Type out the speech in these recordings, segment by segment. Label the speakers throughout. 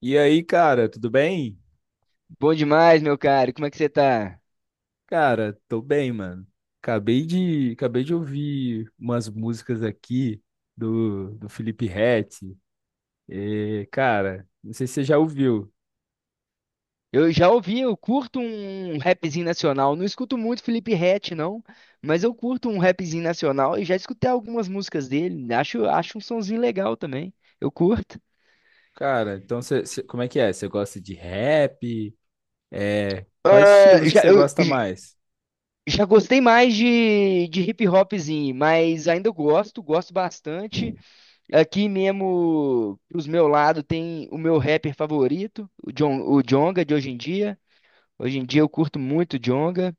Speaker 1: E aí, cara, tudo bem?
Speaker 2: Bom demais, meu caro. Como é que você tá?
Speaker 1: Cara, tô bem, mano. Acabei de ouvir umas músicas aqui do Felipe Ret. E, cara, não sei se você já ouviu.
Speaker 2: Eu já ouvi, eu curto um rapzinho nacional. Não escuto muito Felipe Ret, não, mas eu curto um rapzinho nacional e já escutei algumas músicas dele. Acho um sonzinho legal também. Eu curto.
Speaker 1: Cara, então como é que é? Você gosta de rap? É, quais
Speaker 2: Ah,
Speaker 1: estilos que você gosta mais?
Speaker 2: já gostei mais de hip hopzinho, mas ainda gosto bastante. Aqui mesmo, pros meu lado, tem o meu rapper favorito, o Djonga de hoje em dia. Hoje em dia eu curto muito o Djonga.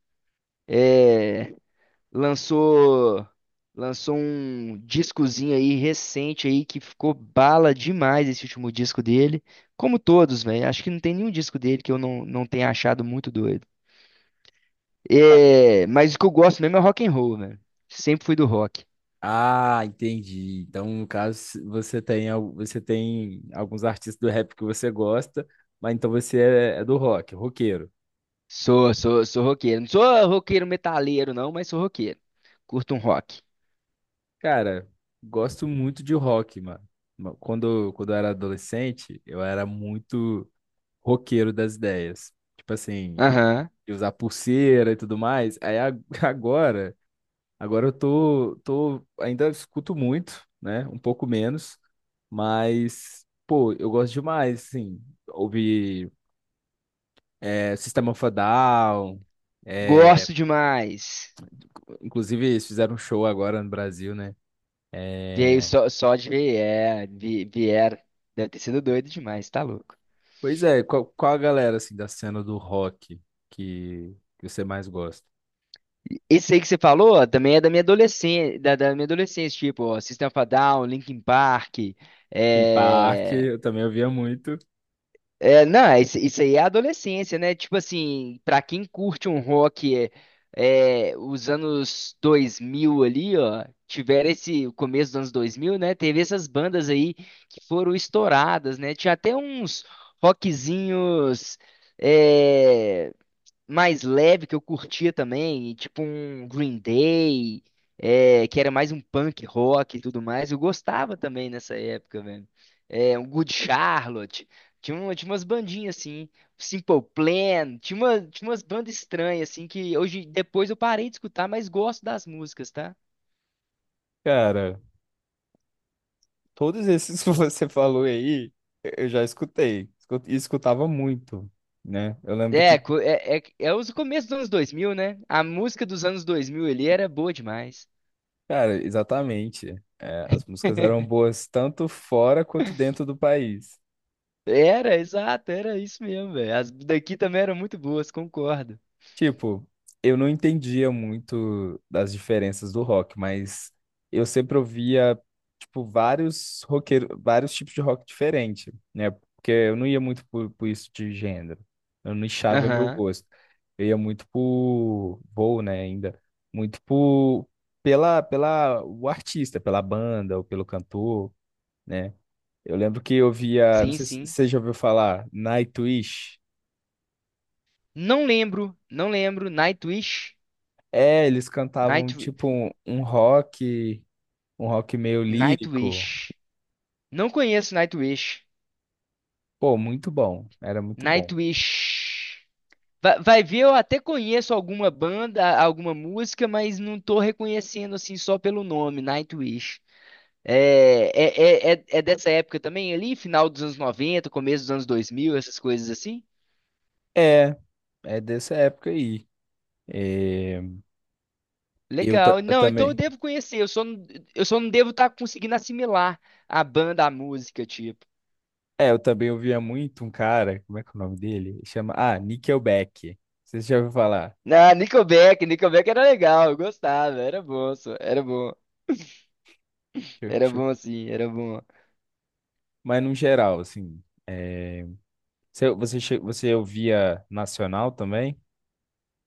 Speaker 2: lançou lançou um discozinho aí recente aí que ficou bala demais esse último disco dele. Como todos, velho. Acho que não tem nenhum disco dele que eu não tenha achado muito doido.
Speaker 1: Ca-
Speaker 2: É, mas o que eu gosto mesmo é rock and roll, velho. Sempre fui do rock.
Speaker 1: Ah, entendi. Então, no caso, você tem, você tem alguns artistas do rap que você gosta, mas então você é do rock, roqueiro.
Speaker 2: Sou roqueiro. Não sou roqueiro metaleiro, não, mas sou roqueiro. Curto um rock.
Speaker 1: Cara, gosto muito de rock, mano. Quando eu era adolescente, eu era muito roqueiro das ideias. Tipo assim,
Speaker 2: Aham.
Speaker 1: de usar pulseira e tudo mais. Agora, agora eu tô, ainda escuto muito, né? Um pouco menos, mas, pô, eu gosto demais, assim. Ouvir System of a Down, é,
Speaker 2: Gosto demais.
Speaker 1: inclusive eles fizeram um show agora no Brasil, né?
Speaker 2: Veio
Speaker 1: Eh,
Speaker 2: só de ver, vieram. Deve ter sido doido demais, tá louco.
Speaker 1: Pois é, qual a galera assim da cena do rock que você mais gosta?
Speaker 2: Esse aí que você falou, ó, também é da minha adolescência, da minha adolescência, tipo, ó, System of a Down, Linkin Park,
Speaker 1: Linkin Park,
Speaker 2: é...
Speaker 1: eu também ouvia muito.
Speaker 2: não, isso aí é a adolescência, né? Tipo assim, pra quem curte um rock os anos 2000 ali, ó, tiveram esse, o começo dos anos 2000, né? Teve essas bandas aí que foram estouradas, né? Tinha até uns rockzinhos, é, mais leve que eu curtia também, e tipo um Green Day, que era mais um punk rock e tudo mais. Eu gostava também nessa época, velho. É, um Good Charlotte, tinha umas bandinhas assim, Simple Plan, tinha umas bandas estranhas assim que hoje depois eu parei de escutar, mas gosto das músicas, tá?
Speaker 1: Cara, todos esses que você falou aí, eu já escutei. E escutava muito, né?
Speaker 2: É, co- é, é, é os começos dos anos 2000, né? A música dos anos 2000 ali era boa demais.
Speaker 1: Cara, exatamente. É, as músicas eram boas tanto fora quanto dentro do país.
Speaker 2: Era, exato, era isso mesmo, velho. As daqui também eram muito boas, concordo.
Speaker 1: Tipo, eu não entendia muito das diferenças do rock, mas eu sempre ouvia, tipo, vários roqueiros, vários tipos de rock diferente, né? Porque eu não ia muito por isso de gênero. Eu não nichava meu
Speaker 2: Aham.
Speaker 1: gosto. Eu ia muito por, vou, né, ainda, muito por, pela, o artista, pela banda ou pelo cantor, né? Eu lembro que eu via, não
Speaker 2: Sim,
Speaker 1: sei se
Speaker 2: sim.
Speaker 1: você já ouviu falar, Nightwish.
Speaker 2: Não lembro, não lembro. Nightwish?
Speaker 1: É, eles cantavam
Speaker 2: Night,
Speaker 1: tipo um rock meio lírico.
Speaker 2: Nightwish. Não conheço Nightwish.
Speaker 1: Pô, muito bom, era muito bom.
Speaker 2: Nightwish. Vai, ver, eu até conheço alguma banda, alguma música, mas não tô reconhecendo assim só pelo nome, Nightwish. É dessa época também ali, final dos anos 90 começo dos anos 2000, essas coisas assim?
Speaker 1: É, é dessa época aí. É,
Speaker 2: Legal.
Speaker 1: eu
Speaker 2: Não, então eu
Speaker 1: também.
Speaker 2: devo conhecer. Eu só não devo estar conseguindo assimilar a banda, a música, tipo.
Speaker 1: É, eu também ouvia muito um cara, como é que é o nome dele? Chama, ah, Nickelback. Você já ouviram falar?
Speaker 2: Nickelback era legal, eu gostava, era bom,
Speaker 1: Deixa eu-
Speaker 2: era
Speaker 1: deixa eu-
Speaker 2: bom assim, era bom.
Speaker 1: Mas no geral, assim, é, você ouvia nacional também?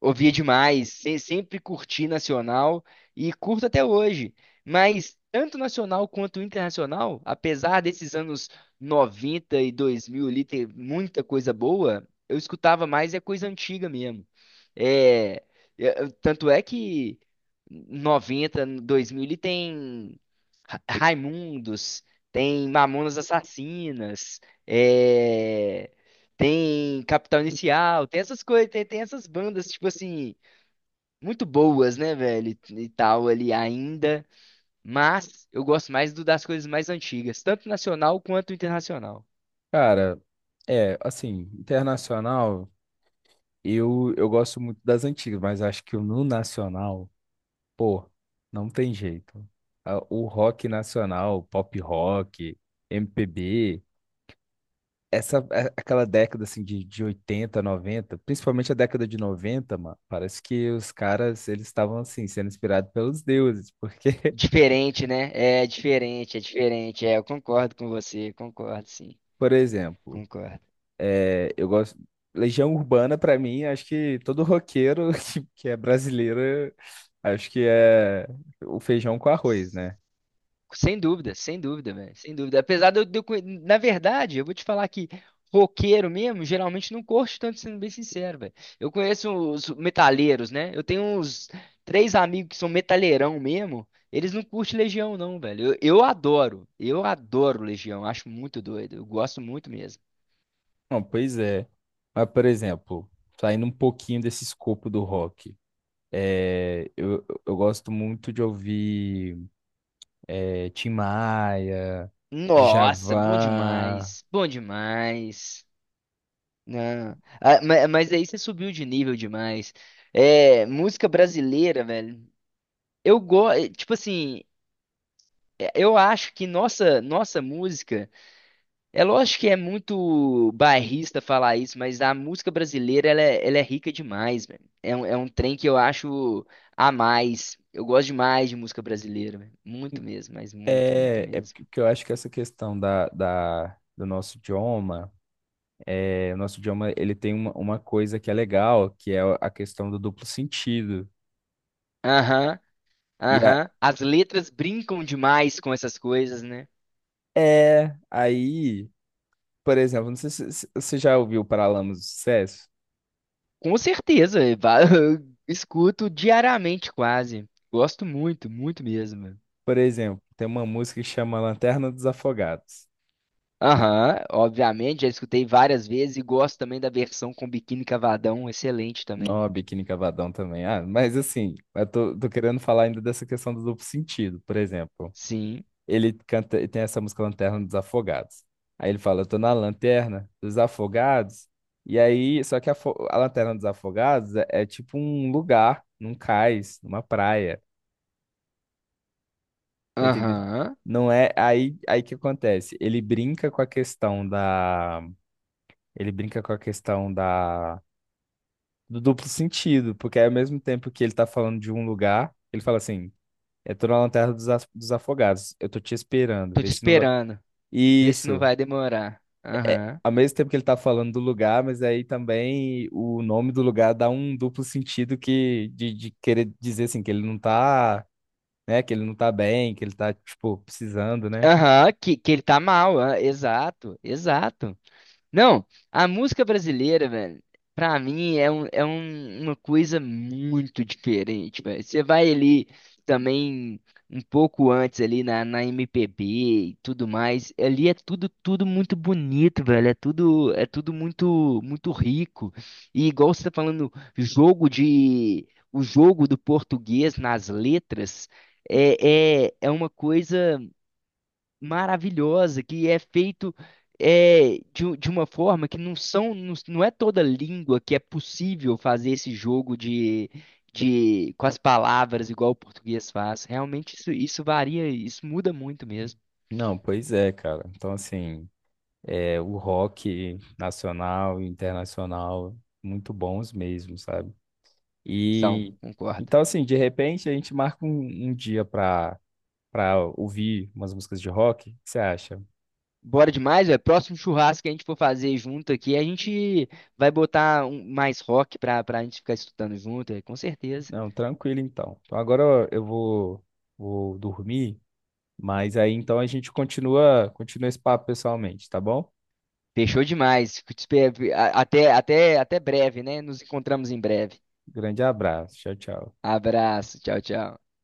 Speaker 2: Ouvia demais, sempre curti nacional e curto até hoje. Mas tanto nacional quanto internacional, apesar desses anos 90 e 2000 ali ter muita coisa boa, eu escutava mais é coisa antiga mesmo. É, é, tanto é que 90 2000 ele tem Raimundos, tem Mamonas Assassinas, é, tem Capital Inicial, tem essas coisas, tem essas bandas, tipo assim, muito boas, né, velho? E tal ali ainda. Mas eu gosto mais das coisas mais antigas, tanto nacional quanto internacional.
Speaker 1: Cara, é, assim, internacional. Eu gosto muito das antigas, mas acho que no nacional, pô, não tem jeito. O rock nacional, pop rock, MPB, essa aquela década assim de 80 noventa, principalmente a década de noventa, mano, parece que os caras eles estavam assim sendo inspirados pelos deuses, porque,
Speaker 2: Diferente, né? É diferente, é diferente. É, eu concordo com você, concordo, sim.
Speaker 1: por exemplo,
Speaker 2: Concordo.
Speaker 1: é, eu gosto. Legião Urbana pra mim, acho que todo roqueiro que é brasileiro, acho que é o feijão com arroz, né?
Speaker 2: Sem dúvida, sem dúvida, velho. Sem dúvida. Apesar de eu conhe- Na verdade, eu vou te falar que roqueiro mesmo, geralmente não curte tanto, sendo bem sincero, velho. Eu conheço os metaleiros, né? Eu tenho uns três amigos que são metaleirão mesmo. Eles não curtem Legião, não, velho. Eu adoro. Eu adoro Legião. Acho muito doido. Eu gosto muito mesmo.
Speaker 1: Não, pois é. Mas, por exemplo, saindo um pouquinho desse escopo do rock, é, eu gosto muito de ouvir é, Tim Maia,
Speaker 2: Nossa, bom
Speaker 1: Djavan.
Speaker 2: demais. Bom demais. Não. Ah, mas aí você subiu de nível demais. É, música brasileira, velho. Eu gosto, tipo assim, eu acho que nossa música, é lógico que é muito bairrista falar isso, mas a música brasileira, ela é rica demais, velho. É um trem que eu acho a mais. Eu gosto demais de música brasileira, velho. Muito mesmo, mas muito, muito
Speaker 1: É, é
Speaker 2: mesmo.
Speaker 1: porque eu acho que essa questão do nosso idioma, é, o nosso idioma ele tem uma coisa que é legal, que é a questão do duplo sentido.
Speaker 2: Aham,
Speaker 1: E a,
Speaker 2: aham. As letras brincam demais com essas coisas, né?
Speaker 1: é, aí, por exemplo, não sei se você já ouviu Paralamas do Sucesso.
Speaker 2: Com certeza, eu escuto diariamente quase. Gosto muito, muito mesmo.
Speaker 1: Por exemplo, tem uma música que chama Lanterna dos Afogados.
Speaker 2: Aham, obviamente, já escutei várias vezes e gosto também da versão com biquíni cavadão, excelente também.
Speaker 1: Não, a Biquíni Cavadão também. Ah, mas assim, eu tô, tô querendo falar ainda dessa questão do duplo sentido. Por exemplo,
Speaker 2: Sim,
Speaker 1: ele canta, ele tem essa música Lanterna dos Afogados. Aí ele fala, eu tô na lanterna dos afogados. E aí, só que a lanterna dos afogados é, é tipo um lugar, num cais, numa praia. Tá entendendo?
Speaker 2: aham.
Speaker 1: Não é aí, aí que acontece. Ele brinca com a ele brinca com a questão da do duplo sentido, porque ao mesmo tempo que ele tá falando de um lugar, ele fala assim: eu tô na lanterna dos afogados, eu tô te esperando,
Speaker 2: Tô
Speaker 1: vê
Speaker 2: te
Speaker 1: se não vai.
Speaker 2: esperando, vê se não
Speaker 1: Isso.
Speaker 2: vai demorar. Aham.
Speaker 1: Ao mesmo tempo que ele tá falando do lugar, mas aí também o nome do lugar dá um duplo sentido que de querer dizer assim que ele não tá, né, que ele não tá bem, que ele tá tipo precisando, né?
Speaker 2: Aham, que ele tá mal, ah, exato, exato. Não, a música brasileira, velho, pra mim é uma coisa muito diferente, velho. Você vai ali também um pouco antes ali na MPB e tudo mais, ali é tudo muito bonito, velho. É tudo muito muito rico. E igual você tá falando, jogo de o jogo do português nas letras é uma coisa maravilhosa, que é feito de uma forma que não são, não, não é toda língua que é possível fazer esse jogo de com as palavras igual o português faz. Realmente isso varia, isso muda muito mesmo.
Speaker 1: Não, pois é, cara. Então assim, é o rock nacional e internacional muito bons mesmo, sabe?
Speaker 2: São,
Speaker 1: E
Speaker 2: concordo.
Speaker 1: então, assim, de repente a gente marca um dia pra, pra ouvir umas músicas de rock. O que você acha?
Speaker 2: Bora demais, velho. Próximo churrasco que a gente for fazer junto aqui, a gente vai botar mais rock pra gente ficar escutando junto, é, com certeza.
Speaker 1: Não, tranquilo então. Então agora eu vou, vou dormir, mas aí então a gente continua esse papo pessoalmente, tá bom?
Speaker 2: Fechou demais. Fico te espe- a- Até, até, até breve, né? Nos encontramos em breve.
Speaker 1: Grande abraço. Tchau, tchau.
Speaker 2: Abraço, tchau, tchau.